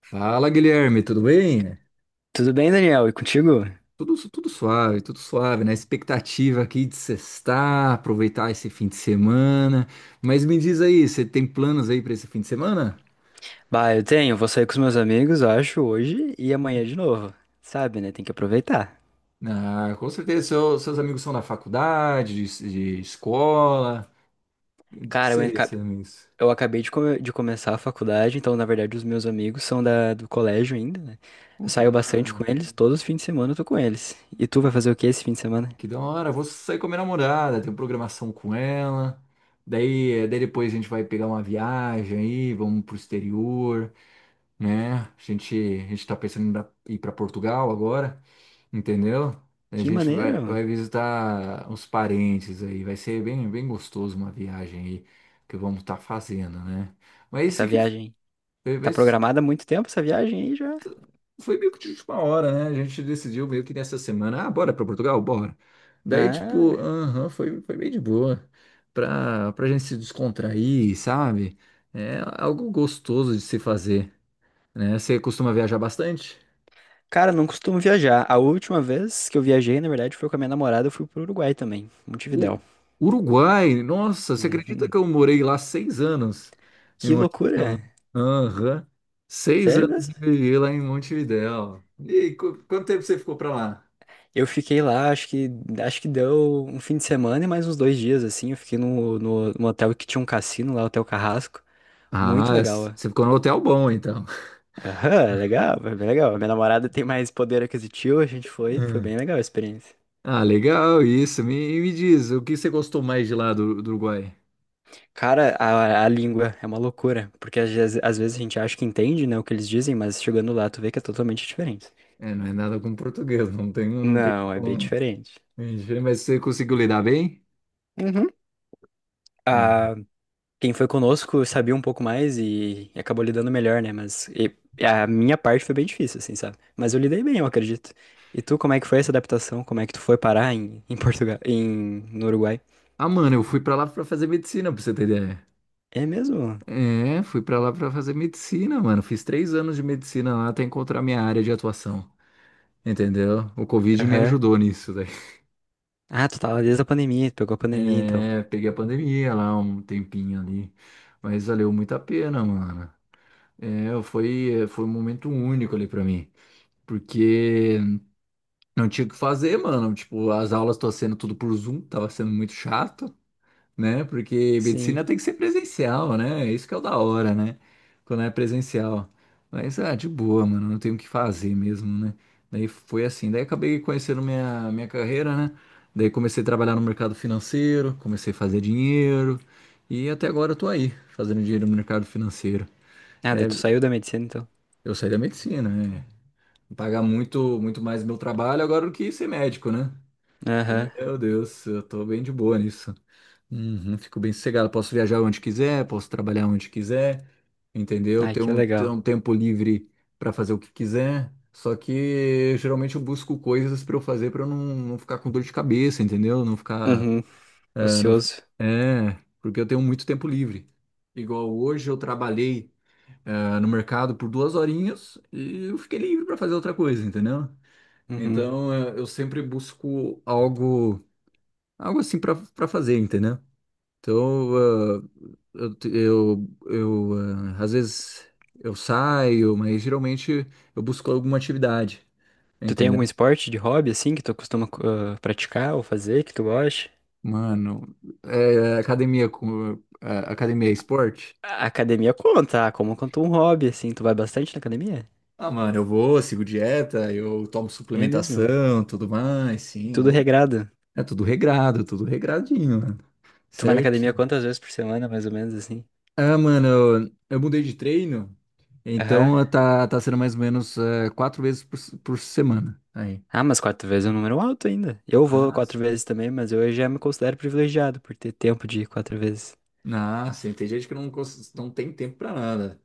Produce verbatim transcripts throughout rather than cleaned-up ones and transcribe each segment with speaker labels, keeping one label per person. Speaker 1: Fala, Guilherme, tudo bem?
Speaker 2: Tudo bem, Daniel? E contigo?
Speaker 1: Tudo, tudo suave, tudo suave, né? Expectativa aqui de sextar, aproveitar esse fim de semana. Mas me diz aí, você tem planos aí para esse fim de semana?
Speaker 2: Bah, eu tenho. Vou sair com os meus amigos, eu acho, hoje e amanhã de novo. Sabe, né? Tem que aproveitar.
Speaker 1: Ah, com certeza, seu- seus amigos são da faculdade, de, de escola. Do que
Speaker 2: Cara, eu,
Speaker 1: seria
Speaker 2: aca-
Speaker 1: esses amigos?
Speaker 2: eu acabei de, come- de começar a faculdade, então, na verdade, os meus amigos são da... do colégio ainda, né? Eu
Speaker 1: Oh, que
Speaker 2: saio
Speaker 1: da hora,
Speaker 2: bastante com
Speaker 1: né?
Speaker 2: eles, todos os fins de semana eu tô com eles. E tu vai fazer o que esse fim de semana?
Speaker 1: Que da hora, vou sair com a minha namorada, tenho programação com ela. Daí, eh, daí depois a gente vai pegar uma viagem aí, vamos pro exterior, né? A gente, a gente tá pensando em dar- ir para Portugal agora, entendeu? A
Speaker 2: Que
Speaker 1: gente vai,
Speaker 2: maneiro!
Speaker 1: vai visitar os parentes aí, vai ser bem, bem gostoso uma viagem aí que vamos estar fazendo, né? Mas esse
Speaker 2: Essa
Speaker 1: que
Speaker 2: viagem.
Speaker 1: foi,
Speaker 2: Tá
Speaker 1: mas
Speaker 2: programada há muito tempo essa viagem aí já?
Speaker 1: foi meio que de última hora, né? A gente decidiu meio que nessa semana, ah, bora para Portugal, bora. Daí, tipo,
Speaker 2: Ah,
Speaker 1: aham, foi, foi bem de boa. Pra, pra gente se descontrair, sabe? É algo gostoso de se fazer, né? Você costuma viajar bastante?
Speaker 2: cara, não costumo viajar. A última vez que eu viajei, na verdade, foi com a minha namorada, eu fui pro Uruguai também,
Speaker 1: U-
Speaker 2: Montevidéu.
Speaker 1: Uruguai, nossa, você acredita que
Speaker 2: Uhum.
Speaker 1: eu morei lá seis anos em
Speaker 2: Que loucura!
Speaker 1: Montevidéu? Aham. Seis
Speaker 2: Sério
Speaker 1: anos
Speaker 2: mesmo?
Speaker 1: eu vivi lá em Montevidéu. E qu- quanto tempo você ficou pra lá?
Speaker 2: Eu fiquei lá, acho que acho que deu um fim de semana e mais uns dois dias, assim. Eu fiquei no, no, no hotel que tinha um cassino lá, Hotel Carrasco. Muito
Speaker 1: Ah,
Speaker 2: legal,
Speaker 1: s-
Speaker 2: ó.
Speaker 1: você ficou no hotel bom, então.
Speaker 2: Aham, legal, foi bem legal. Minha namorada tem mais poder aquisitivo, a gente foi, foi
Speaker 1: Hum.
Speaker 2: bem legal a experiência.
Speaker 1: Ah, legal isso. Me, me diz, o que você gostou mais de lá do, do Uruguai?
Speaker 2: Cara, a, a língua é uma loucura, porque às, vezes- às vezes a gente acha que entende, né, o que eles dizem, mas chegando lá tu vê que é totalmente diferente.
Speaker 1: É, não é nada com português, não tem, não tem
Speaker 2: Não, é bem
Speaker 1: como.
Speaker 2: diferente.
Speaker 1: Mas você conseguiu lidar bem?
Speaker 2: Uhum.
Speaker 1: Ah.
Speaker 2: Quem foi conosco sabia um pouco mais e, e acabou lidando melhor, né? Mas e- e a minha parte foi bem difícil, assim, sabe? Mas eu lidei bem, eu acredito. E tu, como é que foi essa adaptação? Como é que tu foi parar em, em Portugal, em, no Uruguai?
Speaker 1: Ah, mano, eu fui pra lá pra fazer medicina, pra você ter ideia.
Speaker 2: É mesmo?
Speaker 1: É, fui pra lá pra fazer medicina, mano. Fiz três anos de medicina lá até encontrar minha área de atuação. Entendeu? O Covid me
Speaker 2: Aham.
Speaker 1: ajudou nisso, daí.
Speaker 2: Ah, tu tava desde a pandemia, tu pegou a pandemia, então.
Speaker 1: É, peguei a pandemia lá um tempinho ali. Mas valeu muito a pena, mano. É, foi, foi um momento único ali pra mim. Porque não tinha o que fazer, mano. Tipo, as aulas tô sendo tudo por Zoom, tava sendo muito chato, né? Porque
Speaker 2: Sim.
Speaker 1: medicina tem que ser presencial, né? É isso que é o da hora, né? Quando é presencial. Mas, ah, de boa, mano, não tenho o que fazer mesmo, né? Daí foi assim, daí acabei conhecendo minha, minha carreira, né? Daí comecei a trabalhar no mercado financeiro, comecei a fazer dinheiro, e até agora eu tô aí, fazendo dinheiro no mercado financeiro.
Speaker 2: Ah, daí
Speaker 1: É,
Speaker 2: tu saiu da medicina, então.
Speaker 1: eu saí da medicina, né? Pagar muito, muito mais meu trabalho agora do que ser médico, né? E,
Speaker 2: Aham.
Speaker 1: meu Deus, eu tô bem de boa nisso. Uhum, fico bem sossegado. Posso viajar onde quiser, posso trabalhar onde quiser, entendeu?
Speaker 2: Ai,
Speaker 1: Ter
Speaker 2: que
Speaker 1: um ter
Speaker 2: legal.
Speaker 1: um tempo livre para fazer o que quiser. Só que geralmente eu busco coisas para eu fazer para eu não, não ficar com dor de cabeça, entendeu? Não ficar.
Speaker 2: Uhum.
Speaker 1: É, não, f-
Speaker 2: Ocioso.
Speaker 1: é, porque eu tenho muito tempo livre. Igual hoje eu trabalhei, é, no mercado por duas horinhas e eu fiquei livre para fazer outra coisa, entendeu?
Speaker 2: Uhum.
Speaker 1: Então é, eu sempre busco algo, algo assim para para fazer, entendeu? Então, eh, eu, eu, eu, ah, às vezes eu saio, mas geralmente eu busco alguma atividade,
Speaker 2: Tu tem
Speaker 1: entendeu?
Speaker 2: algum esporte de hobby, assim, que tu costuma ah, praticar ou fazer, que tu gosta?
Speaker 1: Mano, é, academia com é, academia é esporte?
Speaker 2: A academia conta, ah, como conta um hobby, assim. Tu vai bastante na academia?
Speaker 1: Ah, mano, eu vou, sigo dieta, eu tomo
Speaker 2: É mesmo.
Speaker 1: suplementação, tudo mais, sim, eu
Speaker 2: Tudo
Speaker 1: vou.
Speaker 2: regrado.
Speaker 1: É tudo regrado, tudo regradinho, mano.
Speaker 2: Tu vai na academia
Speaker 1: Certo?
Speaker 2: quantas vezes por semana, mais ou menos, assim?
Speaker 1: Ah, mano, eu, eu mudei de treino,
Speaker 2: Aham.
Speaker 1: então tá, tá sendo mais ou menos é, quatro vezes por, por semana. Aí.
Speaker 2: Ah, mas quatro vezes é um número alto ainda. Eu vou
Speaker 1: Ah,
Speaker 2: quatro
Speaker 1: sim.
Speaker 2: vezes também, mas eu já me considero privilegiado por ter tempo de ir quatro vezes.
Speaker 1: Ah, sim, tem gente que não, cons- não tem tempo para nada.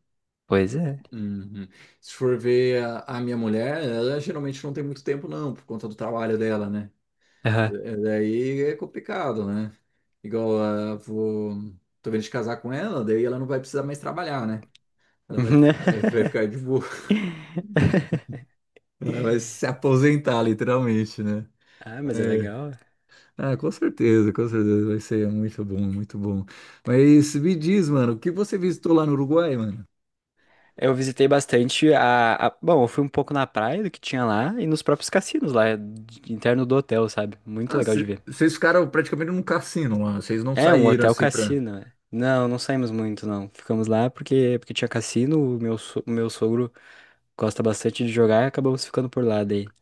Speaker 2: Pois é.
Speaker 1: Uhum. Se for ver a, a minha mulher, ela geralmente não tem muito tempo, não, por conta do trabalho dela, né?
Speaker 2: Aham.
Speaker 1: É, é, Daí é complicado, né? Igual, ah, vou, tô vendo de casar com ela, daí ela não vai precisar mais trabalhar, né? Ela vai, fi- eh, vai ficar de boa, ela vai se aposentar, literalmente, né?
Speaker 2: Ah, mas é
Speaker 1: É.
Speaker 2: legal.
Speaker 1: Ah, com certeza, com certeza, vai ser muito bom, muito bom. Mas me diz, mano, o que você visitou lá no Uruguai, mano?
Speaker 2: Eu visitei bastante a, a- Bom, eu fui um pouco na praia do que tinha lá e nos próprios cassinos lá, de- interno do hotel, sabe? Muito
Speaker 1: Ah,
Speaker 2: legal de
Speaker 1: cê-
Speaker 2: ver.
Speaker 1: vocês ficaram praticamente num cassino lá. Vocês não
Speaker 2: É um
Speaker 1: saíram
Speaker 2: hotel
Speaker 1: assim pra.
Speaker 2: cassino. É. Não, não saímos muito, não. Ficamos lá porque, porque tinha cassino, o meu, so- o meu sogro gosta bastante de jogar e acabamos ficando por lá daí.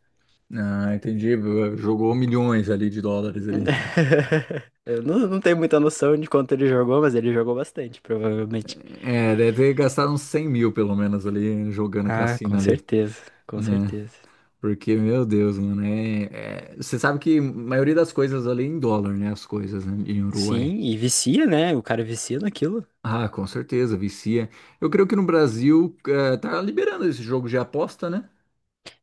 Speaker 1: Ah, entendi. Jogou milhões ali de dólares ali.
Speaker 2: Eu não, não tenho muita noção de quanto ele jogou, mas ele jogou bastante, provavelmente.
Speaker 1: É, deve ter gastado uns cem mil pelo menos ali jogando
Speaker 2: Ah,
Speaker 1: cassino
Speaker 2: com
Speaker 1: ali,
Speaker 2: certeza, com
Speaker 1: né?
Speaker 2: certeza.
Speaker 1: Porque, meu Deus, mano, é. Você sabe que a maioria das coisas ali é em dólar, né? As coisas né, em Uruguai.
Speaker 2: Sim, e vicia, né? O cara vicia naquilo.
Speaker 1: Ah, com certeza, vicia. Eu creio que no Brasil eh, tá liberando esse jogo de aposta, né?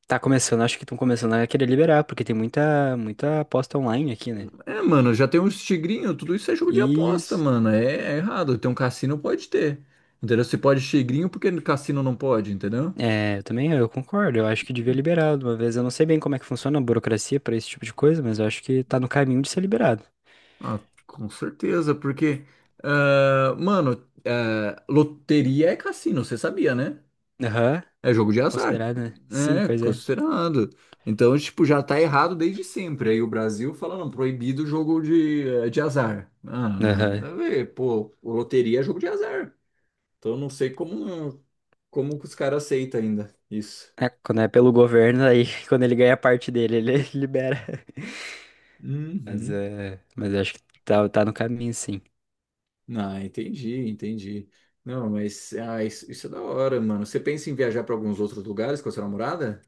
Speaker 2: Tá começando, acho que estão começando a querer liberar, porque tem muita, muita aposta online aqui, né?
Speaker 1: É, mano, já tem uns tigrinhos, tudo isso é jogo de
Speaker 2: E
Speaker 1: aposta, mano. É, é errado. Tem um cassino, pode ter. Entendeu? Se pode tigrinho, porque no cassino não pode, entendeu?
Speaker 2: É, eu também eu concordo. Eu acho que devia liberar de uma vez. Eu não sei bem como é que funciona a burocracia pra esse tipo de coisa, mas eu acho que tá no caminho de ser liberado.
Speaker 1: Ah, com certeza, porque. Ah, mano, ah, loteria é cassino, você sabia, né?
Speaker 2: Aham.
Speaker 1: É jogo de
Speaker 2: É
Speaker 1: azar.
Speaker 2: considerado, né? Sim,
Speaker 1: É,
Speaker 2: pois é.
Speaker 1: considerado. Então, tipo, já tá errado desde sempre. Aí o Brasil falando proibido o jogo de, eh, de azar. Ah,
Speaker 2: Aham.
Speaker 1: nada a ver. Pô, loteria é jogo de azar. Então eu não sei como como que os caras aceitam ainda isso.
Speaker 2: É, quando é pelo governo, aí quando ele ganha a parte dele, ele libera. Mas
Speaker 1: Uhum.
Speaker 2: é. Mas eu acho que tá, tá no caminho, sim.
Speaker 1: Ah, entendi, entendi. Não, mas ah, isso, isso é da hora, mano. Você pensa em viajar para alguns outros lugares com a sua namorada?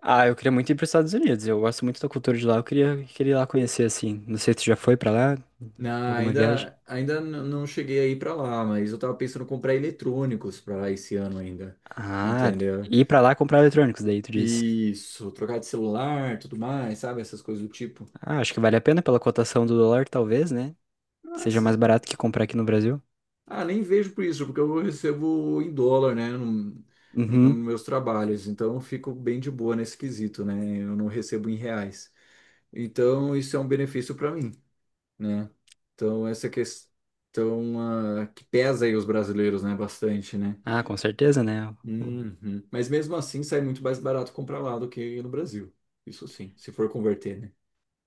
Speaker 2: Ah, eu queria muito ir pros Estados Unidos. Eu gosto muito da cultura de lá. Eu queria, queria ir lá conhecer, assim. Não sei se tu já foi pra lá?
Speaker 1: Não,
Speaker 2: Alguma viagem?
Speaker 1: ainda ainda n- não cheguei aí para lá, mas eu tava pensando em comprar eletrônicos para lá esse ano ainda,
Speaker 2: Ah,
Speaker 1: entendeu?
Speaker 2: ir pra lá comprar eletrônicos, daí tu diz.
Speaker 1: Isso, trocar de celular, tudo mais, sabe? Essas coisas do tipo.
Speaker 2: Ah, acho que vale a pena pela cotação do dólar, talvez, né? Seja
Speaker 1: Nossa.
Speaker 2: mais barato que comprar aqui no Brasil.
Speaker 1: Ah, nem vejo por isso, porque eu recebo em dólar, né? Não, nos
Speaker 2: Uhum.
Speaker 1: meus trabalhos, então eu fico bem de boa nesse quesito, né? Eu não recebo em reais. Então, isso é um benefício para mim, né? Então, essa questão ah, que pesa aí os brasileiros, né? Bastante, né?
Speaker 2: Ah, com certeza, né? O-
Speaker 1: Uhum. Mas mesmo assim, sai muito mais barato comprar lá do que no Brasil. Isso sim, se for converter, né?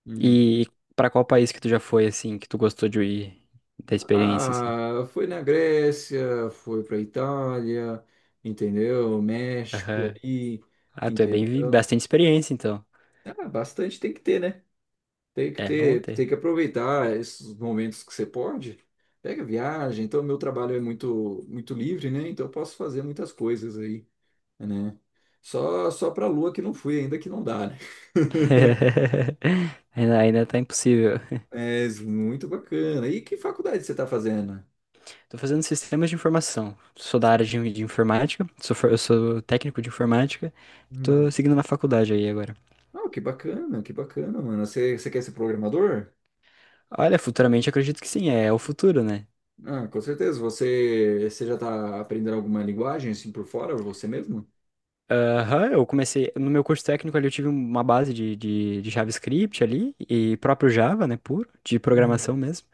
Speaker 1: Uhum.
Speaker 2: E pra qual país que tu já foi, assim, que tu gostou de ir, da experiência, assim?
Speaker 1: Ah, foi na Grécia, foi para Itália, entendeu? México
Speaker 2: Aham.
Speaker 1: ali,
Speaker 2: Ah, tu é bem, vi-
Speaker 1: entendeu?
Speaker 2: bastante experiência, então.
Speaker 1: Ah, bastante tem que ter, né? Tem que
Speaker 2: É bom
Speaker 1: ter, tem
Speaker 2: ter.
Speaker 1: que aproveitar esses momentos que você pode. Pega viagem, então meu trabalho é muito muito livre, né? Então eu posso fazer muitas coisas aí, né? Só só para Lua que não fui ainda que não dá, né?
Speaker 2: Ainda, ainda tá impossível.
Speaker 1: Mas muito bacana. E que faculdade você está fazendo?
Speaker 2: Tô fazendo sistemas de informação. Sou da área de, de informática, sou, for- eu sou técnico de informática. Tô
Speaker 1: Hum.
Speaker 2: seguindo na faculdade aí agora.
Speaker 1: Ah, que bacana, que bacana, mano. Você, você quer ser programador?
Speaker 2: Olha, futuramente acredito que sim, é o futuro, né?
Speaker 1: Ah, com certeza. Você, você já está aprendendo alguma linguagem assim por fora, você mesmo?
Speaker 2: Aham, eu comecei. No meu curso técnico ali eu tive uma base de, de, de JavaScript ali, e próprio Java, né, puro, de programação
Speaker 1: Hum.
Speaker 2: mesmo.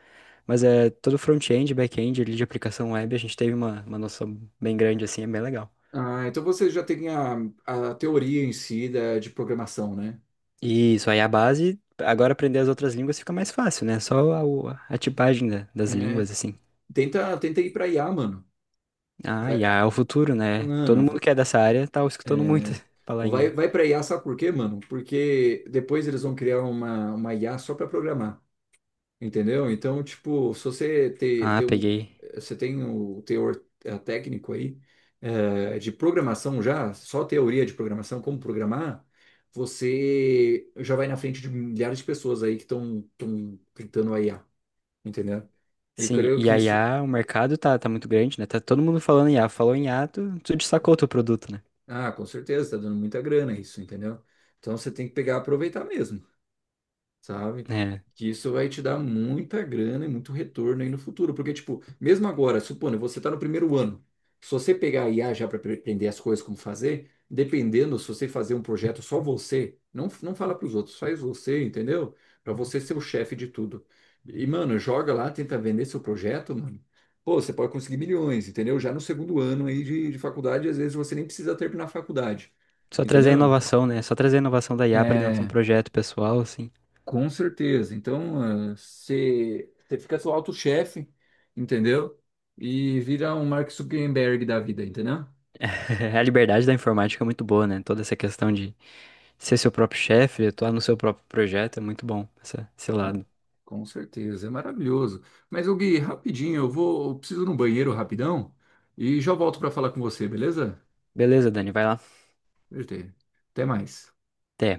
Speaker 2: Mas é todo front-end, back-end ali de aplicação web, a gente teve uma, uma noção bem grande assim, é bem legal.
Speaker 1: Ah, então você já tem a, a teoria em si da, de programação, né?
Speaker 2: E isso aí é a base, agora aprender as outras línguas fica mais fácil, né? Só a, o- a tipagem da- das
Speaker 1: É,
Speaker 2: línguas, assim.
Speaker 1: tenta, tenta ir para I A, mano.
Speaker 2: Ah,
Speaker 1: Vai,
Speaker 2: e a, é o futuro, né? Todo
Speaker 1: mano, v-
Speaker 2: mundo que é dessa área tá escutando muito falar em I
Speaker 1: vai,
Speaker 2: A.
Speaker 1: vai para I A, sabe por quê, mano? Porque depois eles vão criar uma, uma I A só para programar, entendeu? Então, tipo, se você ter
Speaker 2: Ah,
Speaker 1: ter um,
Speaker 2: peguei.
Speaker 1: você tem o teor eh, técnico aí eh, de programação já, só teoria de programação, como programar, você já vai na frente de milhares de pessoas aí que estão tentando a I A, entendeu? Eu
Speaker 2: Sim,
Speaker 1: creio
Speaker 2: e
Speaker 1: que
Speaker 2: a
Speaker 1: isso,
Speaker 2: I A, o mercado tá, tá muito grande, né? Tá todo mundo falando em I A. Falou em I A, tu, tu destacou o teu produto, né?
Speaker 1: ah, com certeza, tá dando muita grana isso, entendeu? Então você tem que pegar e aproveitar mesmo, sabe?
Speaker 2: É.
Speaker 1: Que isso vai te dar muita grana e muito retorno aí no futuro. Porque, tipo, mesmo agora, supondo, você tá no primeiro ano. Se você pegar a I A já para aprender as coisas como fazer, dependendo se você fazer um projeto só você, não, não fala para os outros, faz você, entendeu? Para você ser o chefe de tudo. E, mano, joga lá, tenta vender seu projeto, mano. Pô, você pode conseguir milhões, entendeu? Já no segundo ano aí de, de faculdade, às vezes você nem precisa terminar a faculdade,
Speaker 2: Só trazer a
Speaker 1: entendeu?
Speaker 2: inovação, né? Só trazer a inovação da I A pra dentro de um
Speaker 1: É
Speaker 2: projeto pessoal, assim.
Speaker 1: com certeza. Então, ah, você fica seu auto-chefe, entendeu? E vira um Mark Zuckerberg da vida, entendeu?
Speaker 2: A liberdade da informática é muito boa, né? Toda essa questão de ser seu próprio chefe, atuar no seu próprio projeto é muito bom, essa, esse
Speaker 1: Com,
Speaker 2: lado.
Speaker 1: com certeza. É maravilhoso. Mas, ô Gui, rapidinho, eu vou, eu preciso ir no banheiro rapidão e já volto para falar com você, beleza?
Speaker 2: Beleza, Dani, vai lá.
Speaker 1: Até até mais.
Speaker 2: Até.